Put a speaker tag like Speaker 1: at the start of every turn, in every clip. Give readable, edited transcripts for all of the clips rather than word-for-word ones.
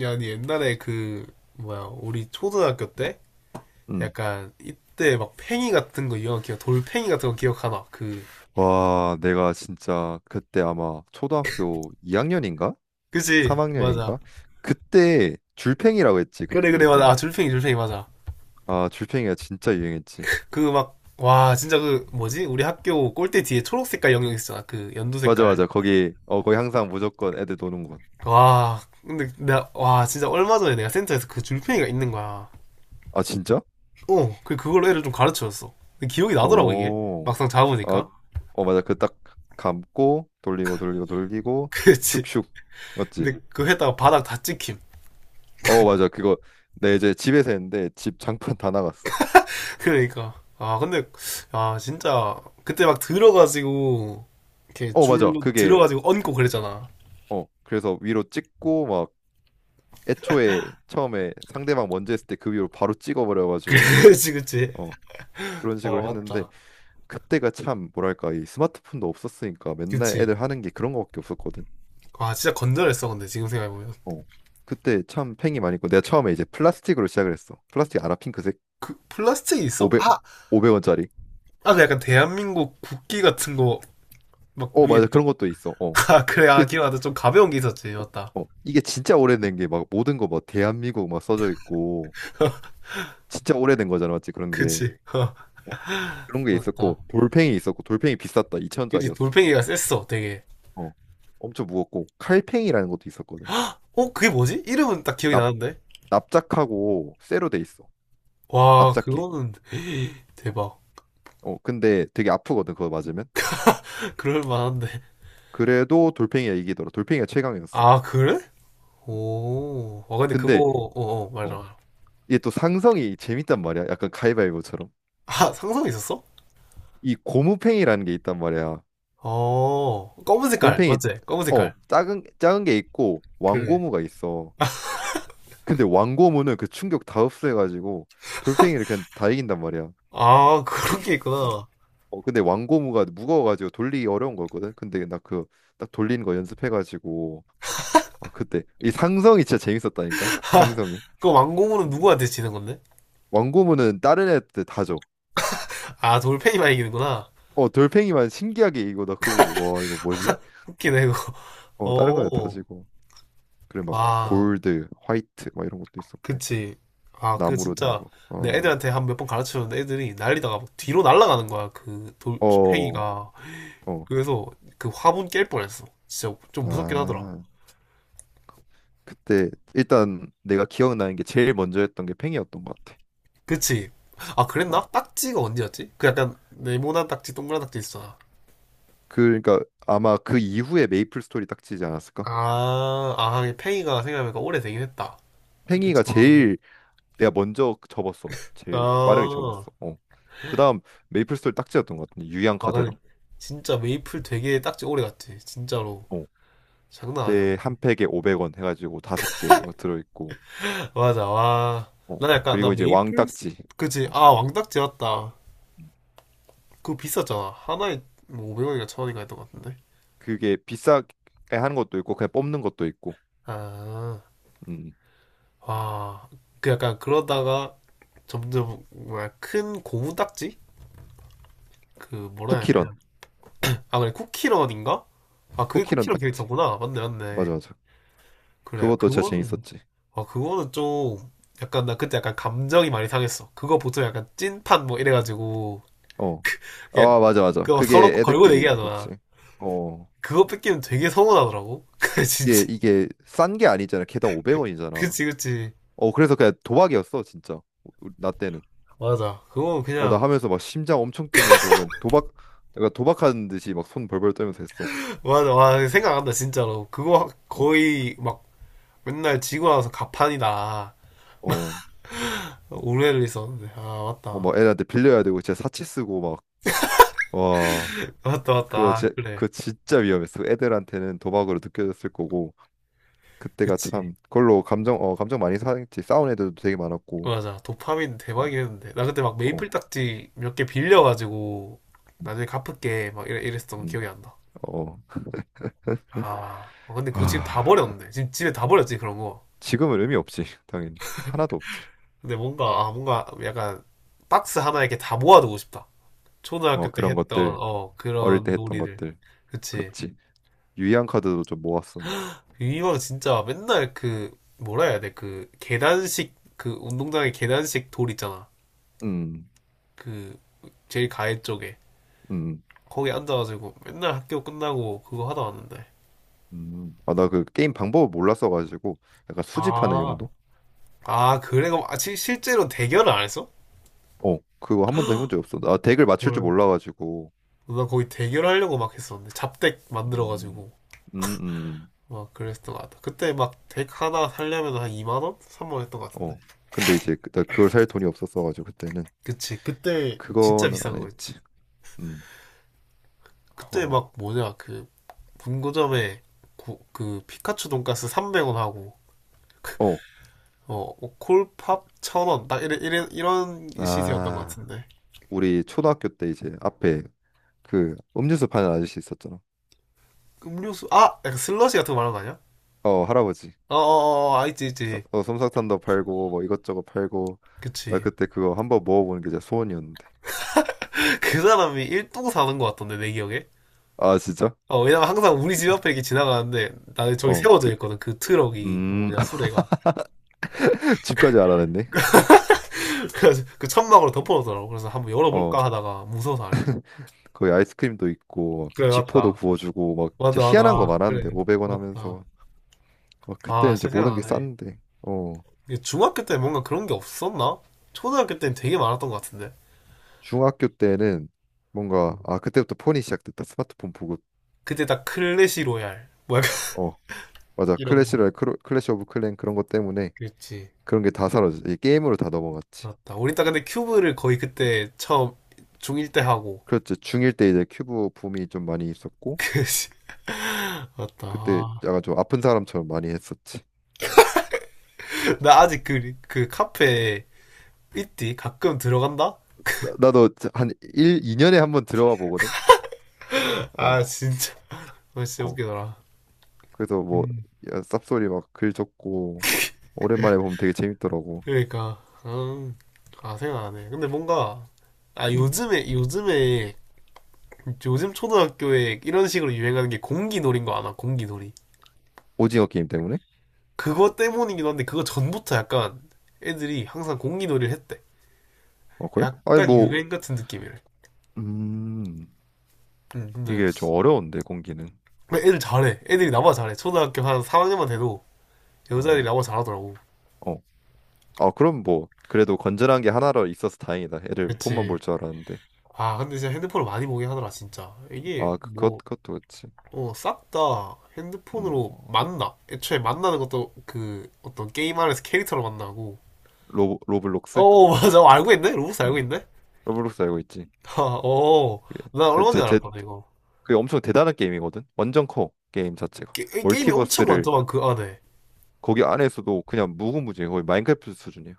Speaker 1: 야, 니 옛날에 그, 뭐야, 우리 초등학교 때?
Speaker 2: 응.
Speaker 1: 약간, 이때 막 팽이 같은 거, 이거 기억, 돌팽이 같은 거 기억하나? 그,
Speaker 2: 와, 내가 진짜 그때 아마 초등학교 2학년인가?
Speaker 1: 그치? 맞아.
Speaker 2: 3학년인가? 그때 줄팽이라고 했지.
Speaker 1: 그래,
Speaker 2: 우리
Speaker 1: 그래, 맞아.
Speaker 2: 때는.
Speaker 1: 아, 줄팽이, 줄팽이, 맞아.
Speaker 2: 아, 줄팽이가 진짜 유행했지.
Speaker 1: 그 막, 와, 진짜 그, 뭐지? 우리 학교 꼴대 뒤에 초록 색깔 영역 있었잖아. 그, 연두
Speaker 2: 맞아,
Speaker 1: 색깔.
Speaker 2: 맞아. 거기 거기 항상 무조건 애들 노는 곳.
Speaker 1: 와, 근데 내가 와, 진짜 얼마 전에 내가 센터에서 그 줄팽이가 있는 거야.
Speaker 2: 아, 진짜?
Speaker 1: 어, 그, 그걸로 애를 좀 가르쳐줬어. 근데 기억이 나더라고, 이게.
Speaker 2: 오.
Speaker 1: 막상
Speaker 2: 아,
Speaker 1: 잡으니까.
Speaker 2: 맞아. 그 딱 감고 돌리고 돌리고 돌리고
Speaker 1: 그치.
Speaker 2: 슉슉. 맞지?
Speaker 1: 근데 그 했다가 바닥 다 찍힘.
Speaker 2: 어, 맞아. 그거 내 이제 집에서 했는데 집 장판 다 나갔어.
Speaker 1: 그러니까. 아, 근데, 아, 진짜, 그때 막 들어가지고, 이렇게
Speaker 2: 어, 맞아.
Speaker 1: 줄로
Speaker 2: 그게
Speaker 1: 들어가지고 얹고 그랬잖아.
Speaker 2: 어, 그래서 위로 찍고 애초에 처음에 상대방 먼저 했을 때 그 위로 바로 찍어버려가지고 막
Speaker 1: 그치, 그치.
Speaker 2: 어, 그런
Speaker 1: 아,
Speaker 2: 식으로 했는데
Speaker 1: 맞다.
Speaker 2: 그때가 참 뭐랄까 이 스마트폰도 없었으니까 맨날
Speaker 1: 그치.
Speaker 2: 애들 하는 게 그런 거밖에 없었거든.
Speaker 1: 아, 진짜 건전했어, 근데, 지금 생각해보면.
Speaker 2: 어. 그때 참 팽이 많이 있고 내가 처음에 이제 플라스틱으로 시작을 했어. 플라스틱 알아? 핑크색
Speaker 1: 그, 플라스틱이 있어?
Speaker 2: 500
Speaker 1: 아!
Speaker 2: 500원짜리.
Speaker 1: 아, 그 약간 대한민국 국기 같은 거, 막
Speaker 2: 어
Speaker 1: 위에
Speaker 2: 맞아
Speaker 1: 쭉,
Speaker 2: 그런 것도 있어. 어.
Speaker 1: 아, 그래, 아,
Speaker 2: 그
Speaker 1: 기억나다. 좀 가벼운 게 있었지, 맞다.
Speaker 2: 어, 이게 진짜 오래된 게 막 모든 거 막 대한민국 막 써져 있고 진짜 오래된 거잖아 맞지 그런 게.
Speaker 1: 그치. 어,
Speaker 2: 어. 그런 게
Speaker 1: 맞다.
Speaker 2: 있었고 돌팽이 있었고 돌팽이 비쌌다
Speaker 1: 그치,
Speaker 2: 2천원짜리였어.
Speaker 1: 돌멩이가 셌어, 되게.
Speaker 2: 어, 엄청 무겁고 칼팽이라는 것도 있었거든.
Speaker 1: 어, 그게 뭐지? 이름은 딱 기억이
Speaker 2: 납
Speaker 1: 나는데?
Speaker 2: 납작하고 쇠로 돼 있어.
Speaker 1: 와,
Speaker 2: 납작해.
Speaker 1: 그거는
Speaker 2: 어,
Speaker 1: 대박.
Speaker 2: 어, 근데 되게 아프거든. 그거 맞으면.
Speaker 1: 그럴 만한데.
Speaker 2: 그래도 돌팽이가 이기더라. 돌팽이가 최강이었어.
Speaker 1: 아, 그래? 오, 아 근데 그거,
Speaker 2: 근데
Speaker 1: 어, 어,
Speaker 2: 어,
Speaker 1: 맞아.
Speaker 2: 이게 또 상성이 재밌단 말이야. 약간 가위바위보처럼.
Speaker 1: 아, 상상이 있었어?
Speaker 2: 이 고무팽이라는 게 있단 말이야.
Speaker 1: 어, 검은 색깔,
Speaker 2: 고무팽이
Speaker 1: 맞지? 검은
Speaker 2: 어,
Speaker 1: 색깔.
Speaker 2: 작은 작은 게 있고
Speaker 1: 그래.
Speaker 2: 왕고무가 있어. 근데 왕고무는 그 충격 다 흡수해가지고 돌팽이를 그냥 다 이긴단 말이야.
Speaker 1: 아, 그런 게
Speaker 2: 어,
Speaker 1: 있구나.
Speaker 2: 어 근데 왕고무가 무거워가지고 돌리기 어려운 거였거든. 근데 나 그 딱 돌리는 거 연습해가지고 아 그때 이 상성이 진짜 재밌었다니까. 상성이
Speaker 1: 그 왕공으로 누구한테 지는 건데?
Speaker 2: 왕고무는 다른 애한테 다 줘.
Speaker 1: 아, 돌팽이만 이기는구나.
Speaker 2: 어 돌팽이만 신기하게 이거 나 그거 보고 와 이거 뭐지?
Speaker 1: 웃기네, 이거.
Speaker 2: 어 다른 거에 다
Speaker 1: 어,
Speaker 2: 지고 그래 막
Speaker 1: 아,
Speaker 2: 골드, 화이트 막 이런 것도 있었고
Speaker 1: 그치. 아, 그
Speaker 2: 나무로 된
Speaker 1: 진짜,
Speaker 2: 거.
Speaker 1: 내
Speaker 2: 어
Speaker 1: 애들한테 한 몇 번 가르쳐줬는데 애들이 날리다가 막 뒤로 날아가는 거야, 그
Speaker 2: 어
Speaker 1: 돌팽이가.
Speaker 2: 어.
Speaker 1: 그래서 그 화분 깰 뻔했어. 진짜 좀 무섭긴 하더라.
Speaker 2: 아 그때 일단 내가 기억나는 게 제일 먼저 했던 게 팽이였던 것 같아.
Speaker 1: 그치? 아,
Speaker 2: 어,
Speaker 1: 그랬나? 딱지가 언제였지? 그 약간 네모난 딱지, 동그란 딱지 있어.
Speaker 2: 그, 그러니까 아마 그 이후에 메이플 스토리 딱지지 않았을까?
Speaker 1: 아, 아, 이게 팽이가 생각해보니까 오래되긴 했다. 그때
Speaker 2: 팽이가
Speaker 1: 저학년.
Speaker 2: 제일 내가 먼저 접었어.
Speaker 1: 아,
Speaker 2: 제일 빠르게 접었어. 어. 그다음 메이플스토리 딱지였던 것 같은데 유양
Speaker 1: 아, 근데
Speaker 2: 카드랑.
Speaker 1: 진짜 메이플 되게 딱지 오래 갔지. 진짜로.
Speaker 2: 어.
Speaker 1: 장난 아니었네.
Speaker 2: 그때 한 팩에 500원 해가지고 다섯 개 들어 있고.
Speaker 1: 맞아, 와.
Speaker 2: 어.
Speaker 1: 나 약간, 나
Speaker 2: 그리고 이제 왕
Speaker 1: 메이플,
Speaker 2: 딱지.
Speaker 1: 그치?
Speaker 2: 어.
Speaker 1: 아, 왕딱지 맞다.
Speaker 2: 음.
Speaker 1: 그거 비쌌잖아. 하나에 뭐 500원인가 1000원인가 했던 것 같은데.
Speaker 2: 그게 비싸게 하는 것도 있고 그냥 뽑는 것도 있고.
Speaker 1: 아,
Speaker 2: 음.
Speaker 1: 와. 그 약간 그러다가 점점, 뭐야, 큰 고무 딱지? 그, 뭐라 해야
Speaker 2: 쿠키런.
Speaker 1: 되냐. 아, 그래, 쿠키런인가? 아, 그게
Speaker 2: 쿠키런
Speaker 1: 쿠키런
Speaker 2: 딱지.
Speaker 1: 캐릭터구나. 맞네, 맞네.
Speaker 2: 맞아 맞아.
Speaker 1: 그래,
Speaker 2: 그것도 진짜
Speaker 1: 그거는,
Speaker 2: 재밌었지.
Speaker 1: 아, 그거는 좀, 약간, 나 그때 약간 감정이 많이 상했어. 그거 보통 약간 찐판 뭐 이래가지고,
Speaker 2: 어.
Speaker 1: 그냥,
Speaker 2: 아 맞아 맞아.
Speaker 1: 그거 서로
Speaker 2: 그게
Speaker 1: 걸고
Speaker 2: 애들끼리 그렇지.
Speaker 1: 내기하잖아.
Speaker 2: 어.
Speaker 1: 그거 뺏기면 되게 서운하더라고. 그래, 진짜.
Speaker 2: 이게 싼 게 아니잖아. 개당 500원이잖아.
Speaker 1: 그치, 그치.
Speaker 2: 어 그래서 그냥 도박이었어 진짜. 우 나 때는
Speaker 1: 맞아. 그거
Speaker 2: 어 나
Speaker 1: 그냥,
Speaker 2: 하면서 막 심장 엄청 뛰면서 그냥 도박 내가 도박하는 듯이 막 손 벌벌 떨면서 했어.
Speaker 1: 맞아. 와, 생각 안 난다, 진짜로. 그거 거의 막 맨날 지고 나서 가판이다.
Speaker 2: 어어막어막
Speaker 1: 오해를 있었는데. 아, 맞다.
Speaker 2: 애들한테 빌려야 되고 진짜 사치 쓰고 막와
Speaker 1: 맞다, 맞다. 아, 그래.
Speaker 2: 그거 진짜 위험했어 애들한테는 도박으로 느껴졌을 거고 그때가
Speaker 1: 그치.
Speaker 2: 참 그걸로 감정 어 감정 많이 상했지 싸운 애들도 되게 많았고.
Speaker 1: 맞아. 도파민 대박이었는데. 나 그때 막 메이플 딱지 몇 개 빌려가지고 나중에 갚을게 막 이랬었던 거
Speaker 2: 음어음어아
Speaker 1: 기억이 안 나. 아, 어, 근데 그 집 다 버렸네. 지금 집에 다 버렸지 그런 거.
Speaker 2: 지금은 의미 없지 당연히 하나도 없지.
Speaker 1: 근데 뭔가 아 뭔가 약간 박스 하나 이렇게 다 모아두고 싶다.
Speaker 2: 어
Speaker 1: 초등학교 때
Speaker 2: 그런
Speaker 1: 했던
Speaker 2: 것들
Speaker 1: 어
Speaker 2: 어릴 때
Speaker 1: 그런
Speaker 2: 했던
Speaker 1: 놀이들.
Speaker 2: 것들
Speaker 1: 그치.
Speaker 2: 그렇지 유의한 카드로 좀 모았었는데.
Speaker 1: 이왕 진짜 맨날 그 뭐라 해야 돼? 그 계단식 그 운동장에 계단식 돌 있잖아.
Speaker 2: 음,
Speaker 1: 그 제일 가해 쪽에
Speaker 2: 음,
Speaker 1: 거기 앉아가지고 맨날 학교 끝나고 그거 하다 왔는데.
Speaker 2: 아, 나 그 게임 방법을 몰랐어가지고 약간 수집하는
Speaker 1: 아,
Speaker 2: 용도?
Speaker 1: 아, 그래. 그럼 아, 실제로 대결을 안 했어?
Speaker 2: 어, 그거 한 번도 해본 적 없어. 나 덱을 맞출 줄
Speaker 1: 헐.
Speaker 2: 몰라가지고.
Speaker 1: 나 거기 대결하려고 막 했었는데. 잡덱
Speaker 2: 음,
Speaker 1: 만들어가지고.
Speaker 2: 음, 음.
Speaker 1: 막 그랬던 것 같아. 그때 막 덱 하나 살려면 한 2만 원? 3만 원 했던 것 같은데.
Speaker 2: 어. 근데 이제 나 그걸 살 돈이 없었어가지고 그때는
Speaker 1: 그치.
Speaker 2: 그,
Speaker 1: 그때 진짜
Speaker 2: 그거는
Speaker 1: 비싼
Speaker 2: 안 했지.
Speaker 1: 거였지.
Speaker 2: 음. 허...
Speaker 1: 그때 막 뭐냐, 그 문고점에그 피카츄 돈가스 300원 하고 그,
Speaker 2: 어.
Speaker 1: 어, 어, 콜팝 1000원. 딱 이래, 이래, 이런 시세였던 것
Speaker 2: 아,
Speaker 1: 같은데.
Speaker 2: 우리 초등학교 때 이제 앞에 그 음료수 파는 아저씨 있었잖아.
Speaker 1: 음료수, 아! 약간 슬러시 같은 거 말하는 거 아니야?
Speaker 2: 어, 할아버지.
Speaker 1: 어어어, 아, 있지, 있지.
Speaker 2: 어, 솜사탕도 팔고 뭐 이것저것 팔고 나
Speaker 1: 그치.
Speaker 2: 그때 그거 한번 먹어보는 게 진짜 소원이었는데.
Speaker 1: 그 사람이 일동 사는 것 같던데, 내 기억에.
Speaker 2: 아 진짜?
Speaker 1: 어, 왜냐면 항상 우리 집 앞에 이렇게 지나가는데, 나는 저기
Speaker 2: 어 그
Speaker 1: 세워져 있거든. 그 트럭이, 그
Speaker 2: 음
Speaker 1: 뭐냐, 수레가.
Speaker 2: 집까지 알아냈네.
Speaker 1: 그래서 그 천막으로 덮어놓더라고. 그래서 한번
Speaker 2: 어
Speaker 1: 열어볼까 하다가 무서워서 안 했지.
Speaker 2: 거기 아이스크림도 있고 막
Speaker 1: 그래,
Speaker 2: 지포도
Speaker 1: 맞다.
Speaker 2: 구워주고 막
Speaker 1: 맞다,
Speaker 2: 진짜 희한한 거
Speaker 1: 맞다.
Speaker 2: 많았는데
Speaker 1: 그래,
Speaker 2: 500원
Speaker 1: 맞다.
Speaker 2: 하면서. 어
Speaker 1: 아,
Speaker 2: 그때는 이제
Speaker 1: 진짜
Speaker 2: 모든 게
Speaker 1: 생각나네.
Speaker 2: 싼데 어
Speaker 1: 이게 중학교 때 뭔가 그런 게 없었나? 초등학교 때는 되게 많았던 것 같은데.
Speaker 2: 중학교 때는 뭔가 아 그때부터 폰이 시작됐다 스마트폰 보급
Speaker 1: 그때 딱 클래시 로얄. 뭐 약간
Speaker 2: 어 맞아
Speaker 1: 이런 거.
Speaker 2: 클래시랄 클래시 오브 클랜 그런 것 때문에
Speaker 1: 그렇지.
Speaker 2: 그런 게 다 사라졌어 이 게임으로 다 넘어갔지.
Speaker 1: 맞다. 우리 딱 근데 큐브를 거의 그때 처음 중1 때 하고,
Speaker 2: 그렇지. 중1 때 이제 큐브 붐이 좀 많이 있었고
Speaker 1: 그
Speaker 2: 그때
Speaker 1: 맞다.
Speaker 2: 약간 좀 아픈 사람처럼 많이 했었지.
Speaker 1: 나 아직 그, 그 카페 있디? 가끔 들어간다?
Speaker 2: 나도 한일 2년에 한번 들어와 보거든.
Speaker 1: 아,
Speaker 2: 어,
Speaker 1: 진짜. 아, 진짜
Speaker 2: 어.
Speaker 1: 웃기더라.
Speaker 2: 그래서 뭐 야, 쌉소리 막 글 적고 오랜만에 보면 되게 재밌더라고.
Speaker 1: 그러니까, 아, 생각나네. 근데 뭔가, 아,
Speaker 2: 음.
Speaker 1: 요즘에, 요즘에, 요즘 초등학교에 이런 식으로 유행하는 게 공기놀이인 거 아나, 공기놀이.
Speaker 2: 오징어 게임 때문에?
Speaker 1: 그거 때문이기도 한데, 그거 전부터 약간 애들이 항상 공기놀이를 했대.
Speaker 2: 어, 그래? 아니
Speaker 1: 약간
Speaker 2: 뭐
Speaker 1: 유행 같은 느낌이래.
Speaker 2: 음.
Speaker 1: 응, 근데
Speaker 2: 이게 좀 어려운데 공기는.
Speaker 1: 애들 잘해. 애들이 나보다 잘해. 초등학교 한 3학년만 돼도 여자애들이
Speaker 2: 아,
Speaker 1: 나보다 잘하더라고.
Speaker 2: 어. 아, 그럼 뭐 그래도 건전한 게 하나로 있어서 다행이다. 애들 폰만
Speaker 1: 그치.
Speaker 2: 볼 줄 알았는데.
Speaker 1: 아, 근데 진짜 핸드폰을 많이 보긴 하더라, 진짜. 이게
Speaker 2: 아,
Speaker 1: 뭐,
Speaker 2: 그것도 그렇지.
Speaker 1: 어, 싹 다
Speaker 2: 음.
Speaker 1: 핸드폰으로 만나. 애초에 만나는 것도 그 어떤 게임 안에서 캐릭터로 만나고.
Speaker 2: 로
Speaker 1: 어,
Speaker 2: 로블록스?
Speaker 1: 어, 맞아. 알고 있네? 로봇 알고
Speaker 2: 음.
Speaker 1: 있네?
Speaker 2: 로블록스 알고 있지?
Speaker 1: 아, 어.
Speaker 2: 그게
Speaker 1: 나
Speaker 2: 그
Speaker 1: 얼마
Speaker 2: 제
Speaker 1: 전에
Speaker 2: 제
Speaker 1: 알았거든, 이거.
Speaker 2: 그게 엄청 대단한 게임이거든. 완전 커 게임 자체가.
Speaker 1: 게, 임이 엄청
Speaker 2: 멀티버스를
Speaker 1: 많더만, 그 안에.
Speaker 2: 거기 안에서도 그냥 무궁무진해. 거의 마인크래프트 수준이야.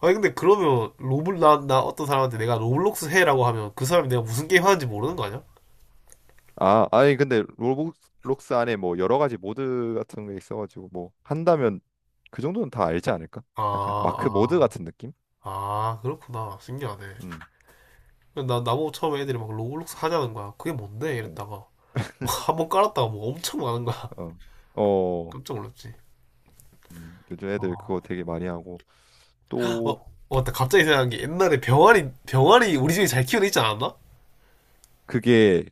Speaker 1: 아니, 근데 그러면 로블, 나 어떤 사람한테 내가 로블록스 해라고 하면 그 사람이 내가 무슨 게임
Speaker 2: 음.
Speaker 1: 하는지 모르는 거 아니야?
Speaker 2: 아, 아니 근데 로블록스 안에 뭐 여러 가지 모드 같은 게 있어가지고 뭐 한다면 그 정도는 다 알지 않을까?
Speaker 1: 아,
Speaker 2: 약간 마크 모드
Speaker 1: 아,
Speaker 2: 같은 느낌?
Speaker 1: 아, 그렇구나. 신기하네.
Speaker 2: 음,
Speaker 1: 나보고 처음에 애들이 막 로블록스 하자는 거야. 그게 뭔데?
Speaker 2: 어,
Speaker 1: 이랬다가. 한번 깔았다가 뭐 엄청 많은 거야.
Speaker 2: 어, 어,
Speaker 1: 깜짝 놀랐지.
Speaker 2: 요즘 애들 그거
Speaker 1: 어,
Speaker 2: 되게 많이 하고 또
Speaker 1: 어, 맞다. 갑자기 생각난 게 옛날에 병아리, 병아리 우리 집에 잘 키우는 있지 않았나?
Speaker 2: 그게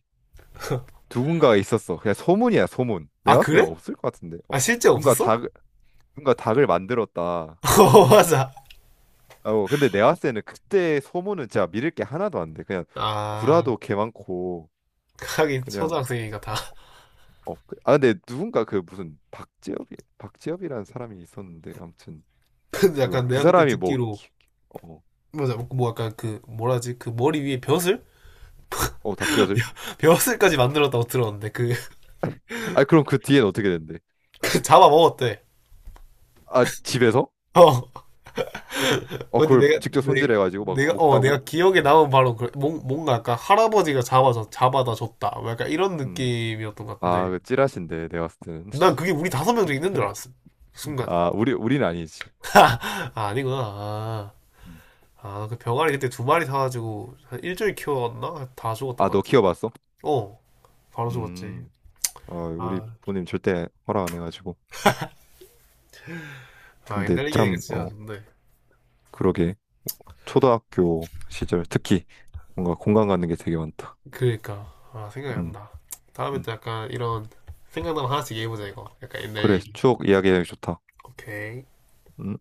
Speaker 2: 누군가가 있었어. 그냥 소문이야, 소문.
Speaker 1: 아,
Speaker 2: 내가 봤을 때는
Speaker 1: 그래?
Speaker 2: 없을 것 같은데.
Speaker 1: 아,
Speaker 2: 어.
Speaker 1: 실제
Speaker 2: 누군가
Speaker 1: 없었어?
Speaker 2: 다 뭔가 닭을 만들었다.
Speaker 1: 어, 맞아.
Speaker 2: 어, 근데 내가 봤을 때는 그때 소문은 진짜 믿을 게 하나도 안 돼. 그냥
Speaker 1: 아,
Speaker 2: 구라도 개 많고
Speaker 1: 하긴
Speaker 2: 그냥
Speaker 1: 초등학생이니까 다.
Speaker 2: 어, 어. 아 근데 누군가 그 무슨 박재엽이라는 사람이 있었는데 아무튼
Speaker 1: 근데
Speaker 2: 몰라.
Speaker 1: 약간
Speaker 2: 그
Speaker 1: 내가 그때
Speaker 2: 사람이 뭐
Speaker 1: 듣기로
Speaker 2: 어,
Speaker 1: 맞아, 뭐 약간 그 뭐라 하지? 그 머리 위에 벼슬?
Speaker 2: 어 닭뼈질?
Speaker 1: 벼슬까지 만들었다고 들었는데 그,
Speaker 2: 아 그럼 그 뒤엔 어떻게 된대?
Speaker 1: 그 잡아먹었대.
Speaker 2: 아 집에서?
Speaker 1: 어.
Speaker 2: 어
Speaker 1: 근데
Speaker 2: 그걸
Speaker 1: 내가,
Speaker 2: 직접
Speaker 1: 내,
Speaker 2: 손질해가지고 막
Speaker 1: 내가, 어,
Speaker 2: 먹다고?
Speaker 1: 내가 기억에 남은 바로 그, 뭔가 약간 할아버지가 잡아서, 잡아다 줬다. 뭐 약간 이런
Speaker 2: 음.
Speaker 1: 느낌이었던 것
Speaker 2: 아,
Speaker 1: 같은데.
Speaker 2: 그 찌라신데 내가 봤을 때는.
Speaker 1: 난 그게 우리 5명 중에 있는 줄 알았어. 순간.
Speaker 2: 아, 우리는 아니지.
Speaker 1: 아, 아니구나. 아,
Speaker 2: 음.
Speaker 1: 아, 그 병아리 그때 2마리 사가지고 한 일주일 키웠나? 다 죽었던
Speaker 2: 아,
Speaker 1: 것
Speaker 2: 너
Speaker 1: 같아.
Speaker 2: 키워봤어?
Speaker 1: 어, 바로 죽었지.
Speaker 2: 음. 어, 우리
Speaker 1: 아,
Speaker 2: 부모님 절대 허락 안 해가지고.
Speaker 1: 아,
Speaker 2: 근데
Speaker 1: 옛날 얘기하니까
Speaker 2: 참,
Speaker 1: 진짜
Speaker 2: 어,
Speaker 1: 좋네.
Speaker 2: 그러게. 초등학교 시절 특히 뭔가 공감 가는 게 되게 많다.
Speaker 1: 그러니까. 아, 생각이 안
Speaker 2: 음,
Speaker 1: 나. 다음에
Speaker 2: 음.
Speaker 1: 또 약간 이런 생각나면 하나씩 얘기해보자, 이거. 약간 옛날
Speaker 2: 그래,
Speaker 1: 얘기.
Speaker 2: 추억 이야기하기 좋다.
Speaker 1: 오케이.
Speaker 2: 음.